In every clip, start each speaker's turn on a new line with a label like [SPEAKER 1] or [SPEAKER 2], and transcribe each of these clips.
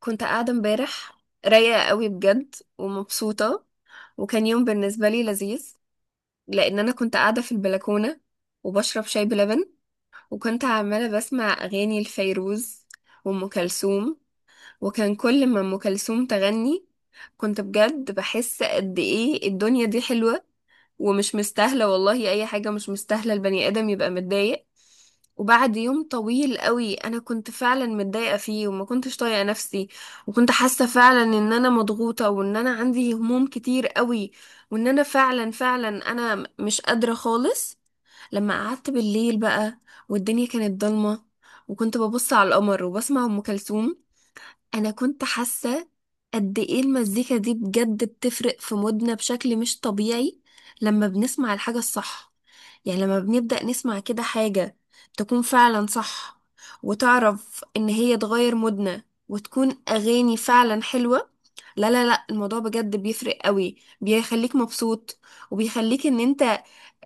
[SPEAKER 1] كنت قاعدة امبارح رايقة قوي بجد ومبسوطة، وكان يوم بالنسبة لي لذيذ لأن أنا كنت قاعدة في البلكونة وبشرب شاي بلبن، وكنت عمالة بسمع أغاني لفيروز وأم كلثوم. وكان كل ما أم كلثوم تغني كنت بجد بحس قد إيه الدنيا دي حلوة ومش مستاهلة، والله أي حاجة مش مستاهلة البني آدم يبقى متضايق. وبعد يوم طويل قوي انا كنت فعلا متضايقه فيه وما كنتش طايقه نفسي، وكنت حاسه فعلا ان انا مضغوطه وان انا عندي هموم كتير قوي، وان انا فعلا انا مش قادره خالص. لما قعدت بالليل بقى والدنيا كانت ضلمه وكنت ببص على القمر وبسمع ام كلثوم، انا كنت حاسه قد ايه المزيكا دي بجد بتفرق في مودنا بشكل مش طبيعي لما بنسمع الحاجه الصح. يعني لما بنبدا نسمع كده حاجه تكون فعلا صح وتعرف ان هي تغير مودنا وتكون اغاني فعلا حلوه، لا لا لا الموضوع بجد بيفرق قوي، بيخليك مبسوط وبيخليك ان انت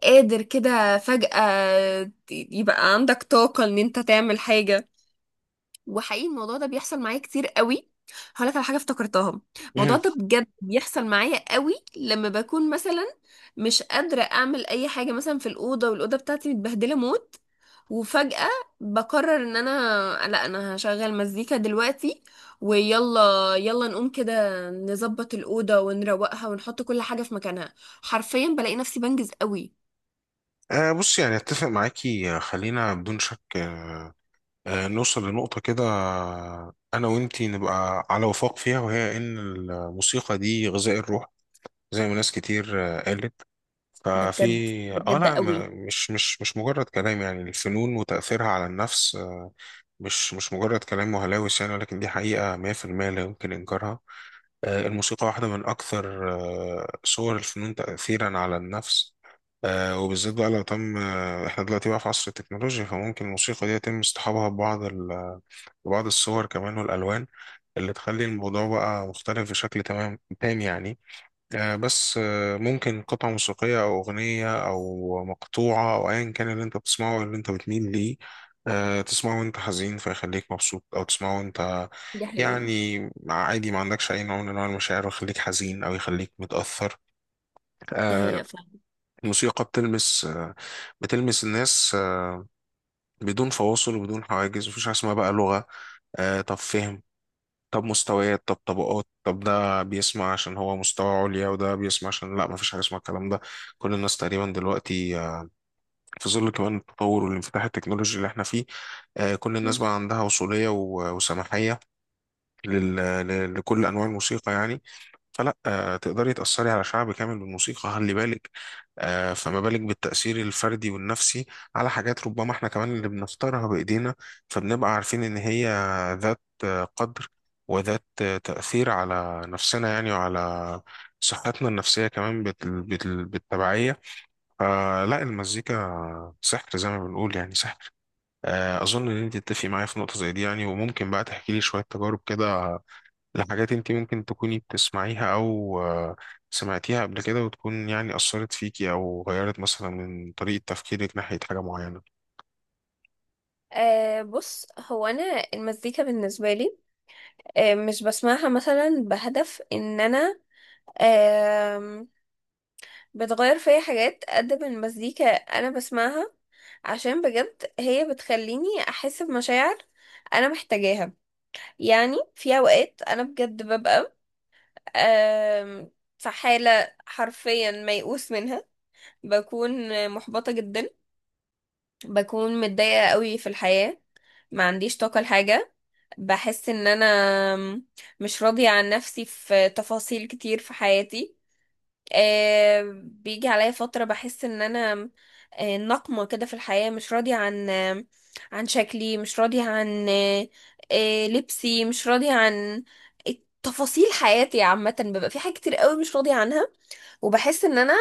[SPEAKER 1] قادر كده فجأة يبقى عندك طاقة ان انت تعمل حاجة. وحقيقي الموضوع ده بيحصل معايا كتير قوي. هقول لك على حاجه افتكرتها، الموضوع
[SPEAKER 2] مهم.
[SPEAKER 1] ده بجد بيحصل معايا قوي لما بكون مثلا مش قادره اعمل اي حاجه، مثلا في الاوضه والاوضه بتاعتي متبهدله موت، وفجاه بقرر ان انا لا انا هشغل مزيكا دلوقتي ويلا، يلا نقوم كده نظبط الاوضه ونروقها ونحط كل حاجه في مكانها. حرفيا بلاقي نفسي بنجز قوي.
[SPEAKER 2] بص يعني اتفق معاكي خلينا بدون شك نوصل لنقطة كده انا وانتي نبقى على وفاق فيها، وهي ان الموسيقى دي غذاء الروح زي ما ناس كتير قالت.
[SPEAKER 1] ده
[SPEAKER 2] ففي
[SPEAKER 1] بجد ده
[SPEAKER 2] اه
[SPEAKER 1] بجد
[SPEAKER 2] لا ما-
[SPEAKER 1] قوي.
[SPEAKER 2] مش مجرد كلام، يعني الفنون وتأثيرها على النفس مش مجرد كلام وهلاوس يعني، ولكن دي حقيقة 100% لا يمكن إنكارها. الموسيقى واحدة من أكثر صور الفنون تأثيرا على النفس. وبالذات بقى لو تم إحنا دلوقتي بقى في عصر التكنولوجيا، فممكن الموسيقى دي يتم اصطحابها ببعض الصور كمان والألوان اللي تخلي الموضوع بقى مختلف بشكل تمام تام يعني. آه، بس آه، ممكن قطعة موسيقية أو أغنية أو مقطوعة أو أيا كان اللي أنت بتسمعه واللي أنت بتميل ليه، تسمعه وأنت حزين فيخليك مبسوط، أو تسمعه وأنت
[SPEAKER 1] دي حقيقة.
[SPEAKER 2] يعني عادي ما عندكش أي نوع من أنواع المشاعر ويخليك حزين أو يخليك متأثر.
[SPEAKER 1] دي
[SPEAKER 2] آه،
[SPEAKER 1] حقيقة فعلا.
[SPEAKER 2] الموسيقى بتلمس بتلمس الناس بدون فواصل وبدون حواجز، مفيش حاجة اسمها بقى لغة طب فهم طب مستويات طب طبقات طب، ده بيسمع عشان هو مستوى عليا وده بيسمع عشان لا، مفيش حاجة اسمها الكلام ده. كل الناس تقريبا دلوقتي في ظل كمان التطور والانفتاح التكنولوجي اللي احنا فيه، كل الناس بقى عندها وصولية وسماحية لل- لكل أنواع الموسيقى يعني. فلا آه، تقدري تأثري على شعب كامل بالموسيقى، خلي بالك. فما بالك بالتأثير الفردي والنفسي على حاجات ربما احنا كمان اللي بنختارها بإيدينا، فبنبقى عارفين إن هي ذات قدر وذات تأثير على نفسنا يعني، وعلى صحتنا النفسية كمان بالتبعية. فلا، المزيكا سحر زي ما بنقول، يعني سحر. أظن إن أنت تتفقي معايا في نقطة زي دي يعني، وممكن بقى تحكي لي شوية تجارب كده لحاجات انت ممكن تكوني بتسمعيها او سمعتيها قبل كده وتكون يعني اثرت فيكي او غيرت مثلا من طريقة تفكيرك ناحية حاجة معينة.
[SPEAKER 1] أه بص، هو انا المزيكا بالنسبه لي، مش بسمعها مثلا بهدف ان انا أه بتغير فيا حاجات، قد ما المزيكا انا بسمعها عشان بجد هي بتخليني احس بمشاعر انا محتاجاها. يعني في اوقات انا بجد ببقى أه في حاله حرفيا ميؤوس منها، بكون محبطه جدا، بكون متضايقه قوي في الحياه، ما عنديش طاقه لحاجه، بحس ان انا مش راضية عن نفسي في تفاصيل كتير في حياتي. بيجي عليا فترة بحس ان انا نقمة كده في الحياة، مش راضية عن عن شكلي، مش راضية عن لبسي، مش راضية عن تفاصيل حياتي عامة. ببقى في حاجات كتير قوي مش راضية عنها وبحس ان انا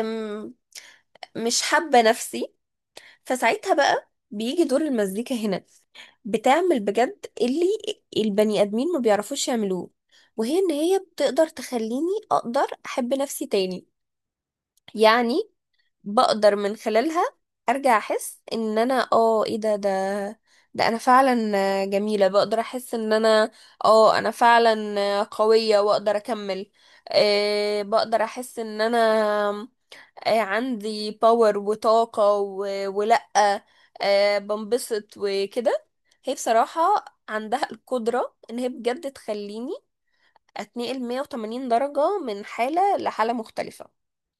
[SPEAKER 1] آم، مش حابة نفسي. فساعتها بقى بيجي دور المزيكا هنا، بتعمل بجد اللي البني ادمين ما بيعرفوش يعملوه، وهي ان هي بتقدر تخليني اقدر احب نفسي تاني. يعني بقدر من خلالها ارجع احس ان انا اه ايه ده ده انا فعلا جميلة، بقدر احس ان انا اه انا فعلا قوية واقدر اكمل. أه بقدر احس ان انا عندي باور وطاقة ولأ بنبسط وكده. هي بصراحة عندها القدرة ان هي بجد تخليني اتنقل 180 درجة من حالة لحالة مختلفة.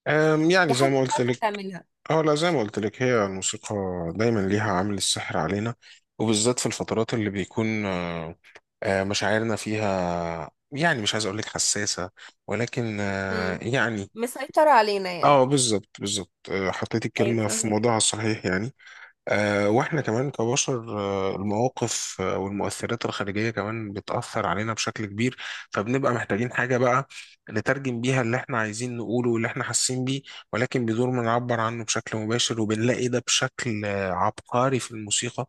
[SPEAKER 2] يعني
[SPEAKER 1] دي
[SPEAKER 2] زي
[SPEAKER 1] حاجة
[SPEAKER 2] ما قلت
[SPEAKER 1] بتعرف
[SPEAKER 2] لك.
[SPEAKER 1] تعملها.
[SPEAKER 2] اه لا، زي ما قلت لك هي الموسيقى دايما ليها عامل السحر علينا، وبالذات في الفترات اللي بيكون مشاعرنا فيها، يعني مش عايز اقول لك حساسة ولكن
[SPEAKER 1] مم.
[SPEAKER 2] يعني.
[SPEAKER 1] مسيطرة علينا يعني.
[SPEAKER 2] اه بالظبط بالظبط، حطيت
[SPEAKER 1] ايوه
[SPEAKER 2] الكلمة في
[SPEAKER 1] فاهمك.
[SPEAKER 2] موضوعها الصحيح يعني. واحنا كمان كبشر المواقف والمؤثرات الخارجية كمان بتأثر علينا بشكل كبير، فبنبقى محتاجين حاجة بقى نترجم بيها اللي احنا عايزين نقوله واللي احنا حاسين بيه، ولكن بدون ما نعبر عنه بشكل مباشر، وبنلاقي ده بشكل عبقري في الموسيقى.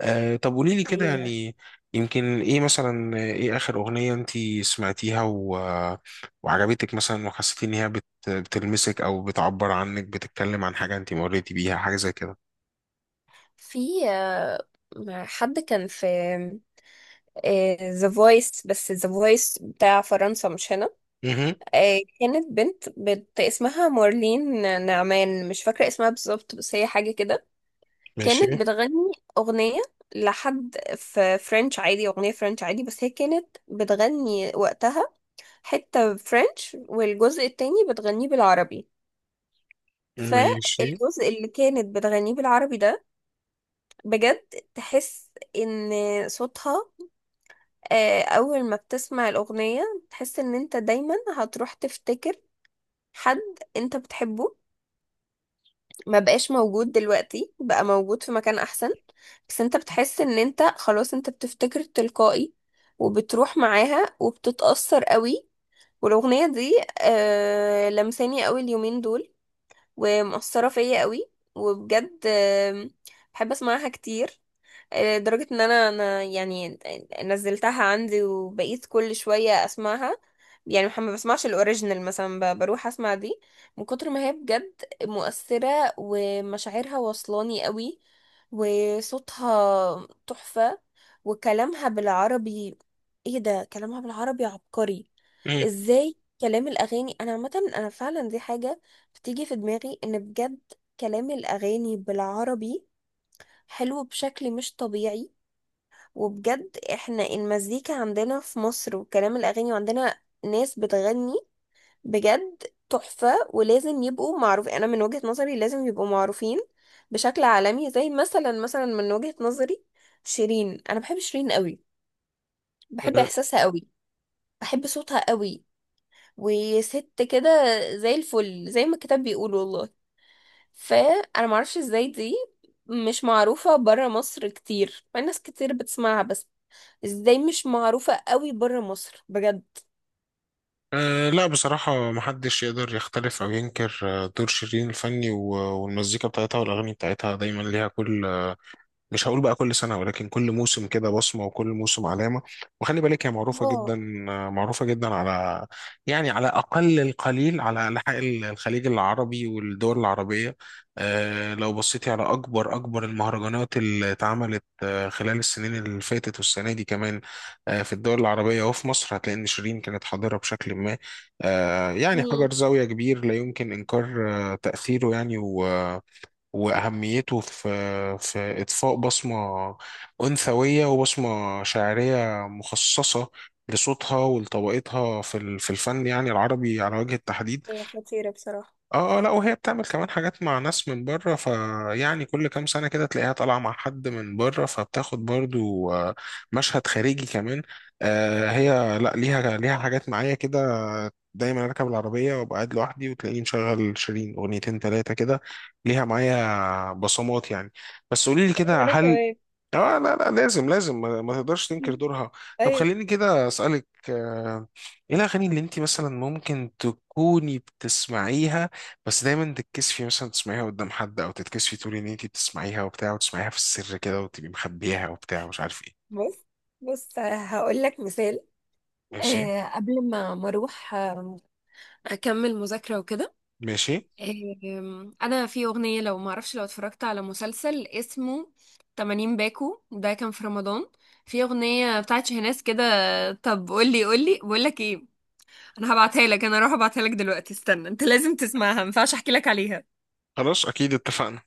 [SPEAKER 2] طب قولي
[SPEAKER 1] دي
[SPEAKER 2] لي كده
[SPEAKER 1] حقيقة.
[SPEAKER 2] يعني، يمكن ايه مثلا ايه آخر أغنية انتي سمعتيها و... آه، وعجبتك مثلا وحسيتي ان هي بتلمسك او بتعبر عنك، بتتكلم عن حاجة انتي مريتي بيها حاجة زي كده؟
[SPEAKER 1] في حد كان في ذا فويس، بس ذا فويس بتاع فرنسا مش هنا. كانت بنت اسمها مارلين نعمان، مش فاكرة اسمها بالظبط بس هي حاجة كده.
[SPEAKER 2] ماشي.
[SPEAKER 1] كانت بتغني أغنية لحد في فرنش عادي، أغنية فرنش عادي، بس هي كانت بتغني وقتها حتة فرنش والجزء التاني بتغنيه بالعربي.
[SPEAKER 2] ماشي.
[SPEAKER 1] فالجزء اللي كانت بتغنيه بالعربي ده بجد تحس ان صوتها، أول ما بتسمع الأغنية تحس ان انت دايما هتروح تفتكر حد انت بتحبه ما بقاش موجود دلوقتي، بقى موجود في مكان احسن، بس انت بتحس ان انت خلاص انت بتفتكر تلقائي وبتروح معاها وبتتأثر قوي. والاغنية دي آه لمساني قوي اليومين دول ومؤثرة فيا قوي، وبجد آه بحب اسمعها كتير. لدرجة ان انا يعني نزلتها عندي وبقيت كل شوية اسمعها. يعني ما بسمعش الاوريجينال، مثلا بروح اسمع دي من كتر ما هي بجد مؤثرة ومشاعرها وصلاني قوي وصوتها تحفة وكلامها بالعربي. ايه ده، كلامها بالعربي عبقري.
[SPEAKER 2] مم.
[SPEAKER 1] ازاي كلام الاغاني، انا عامة انا فعلا دي حاجة بتيجي في دماغي ان بجد كلام الاغاني بالعربي حلو بشكل مش طبيعي. وبجد احنا المزيكا عندنا في مصر وكلام الاغاني وعندنا ناس بتغني بجد تحفة، ولازم يبقوا معروف، انا من وجهة نظري لازم يبقوا معروفين بشكل عالمي. زي مثلا مثلا من وجهة نظري شيرين، انا بحب شيرين قوي، بحب
[SPEAKER 2] أه.
[SPEAKER 1] احساسها قوي، بحب صوتها قوي، وست كده زي الفل زي ما الكتاب بيقول والله. فانا معرفش ازاي دي مش معروفة برا مصر كتير، مع إن ناس كتير بتسمعها، بس ازاي مش معروفة قوي بره مصر بجد؟
[SPEAKER 2] لا، بصراحة محدش يقدر يختلف أو ينكر دور شيرين الفني والمزيكا بتاعتها والأغاني بتاعتها دايما ليها كل، مش هقول بقى كل سنة ولكن كل موسم كده بصمة وكل موسم علامة. وخلي بالك هي معروفة جدا،
[SPEAKER 1] اه.
[SPEAKER 2] معروفة جدا على، يعني على أقل القليل على أنحاء الخليج العربي والدول العربية. لو بصيتي على أكبر المهرجانات اللي اتعملت خلال السنين اللي فاتت والسنة دي كمان في الدول العربية وفي مصر، هتلاقي إن شيرين كانت حاضرة بشكل ما. يعني حجر
[SPEAKER 1] مم.
[SPEAKER 2] زاوية كبير لا يمكن إنكار تأثيره يعني وأهميته في إضفاء بصمة أنثوية وبصمة شعرية مخصصة لصوتها ولطبقتها في الفن يعني العربي على وجه التحديد.
[SPEAKER 1] هي خطيرة بصراحة.
[SPEAKER 2] لا، وهي بتعمل كمان حاجات مع ناس من بره، فيعني كل كام سنة كده تلاقيها طالعة مع حد من بره فبتاخد برضو مشهد خارجي كمان. هي لا ليها حاجات معايا كده، دايما اركب العربية وابقى قاعد لوحدي وتلاقيني مشغل شيرين اغنيتين تلاتة كده. ليها معايا بصمات يعني. بس قولي لي كده،
[SPEAKER 1] وانا
[SPEAKER 2] هل
[SPEAKER 1] كمان.
[SPEAKER 2] اه لا لا، لازم ما تقدرش تنكر
[SPEAKER 1] مم.
[SPEAKER 2] دورها. طب
[SPEAKER 1] ايوه.
[SPEAKER 2] خليني كده اسالك ايه الاغاني اللي انت مثلا ممكن تكوني بتسمعيها بس دايما تتكسفي مثلا تسمعيها قدام حد، او تتكسفي تقولي ان انت بتسمعيها وبتاع، وتسمعيها في السر كده وتبقي مخبيها وبتاع ومش عارف ايه؟
[SPEAKER 1] بص، هقول لك مثال.
[SPEAKER 2] ماشي.
[SPEAKER 1] آه قبل ما اروح اكمل مذاكرة وكده.
[SPEAKER 2] ماشي.
[SPEAKER 1] انا في اغنية، لو ما اعرفش لو اتفرجت على مسلسل اسمه 80 باكو، ده كان في رمضان، في اغنية بتاعت شهناز كده. طب قولي، بقول لك ايه، انا هبعتها لك، انا اروح ابعتها لك دلوقتي، استنى انت لازم تسمعها ما ينفعش احكي لك عليها.
[SPEAKER 2] خلاص، اكيد اتفقنا.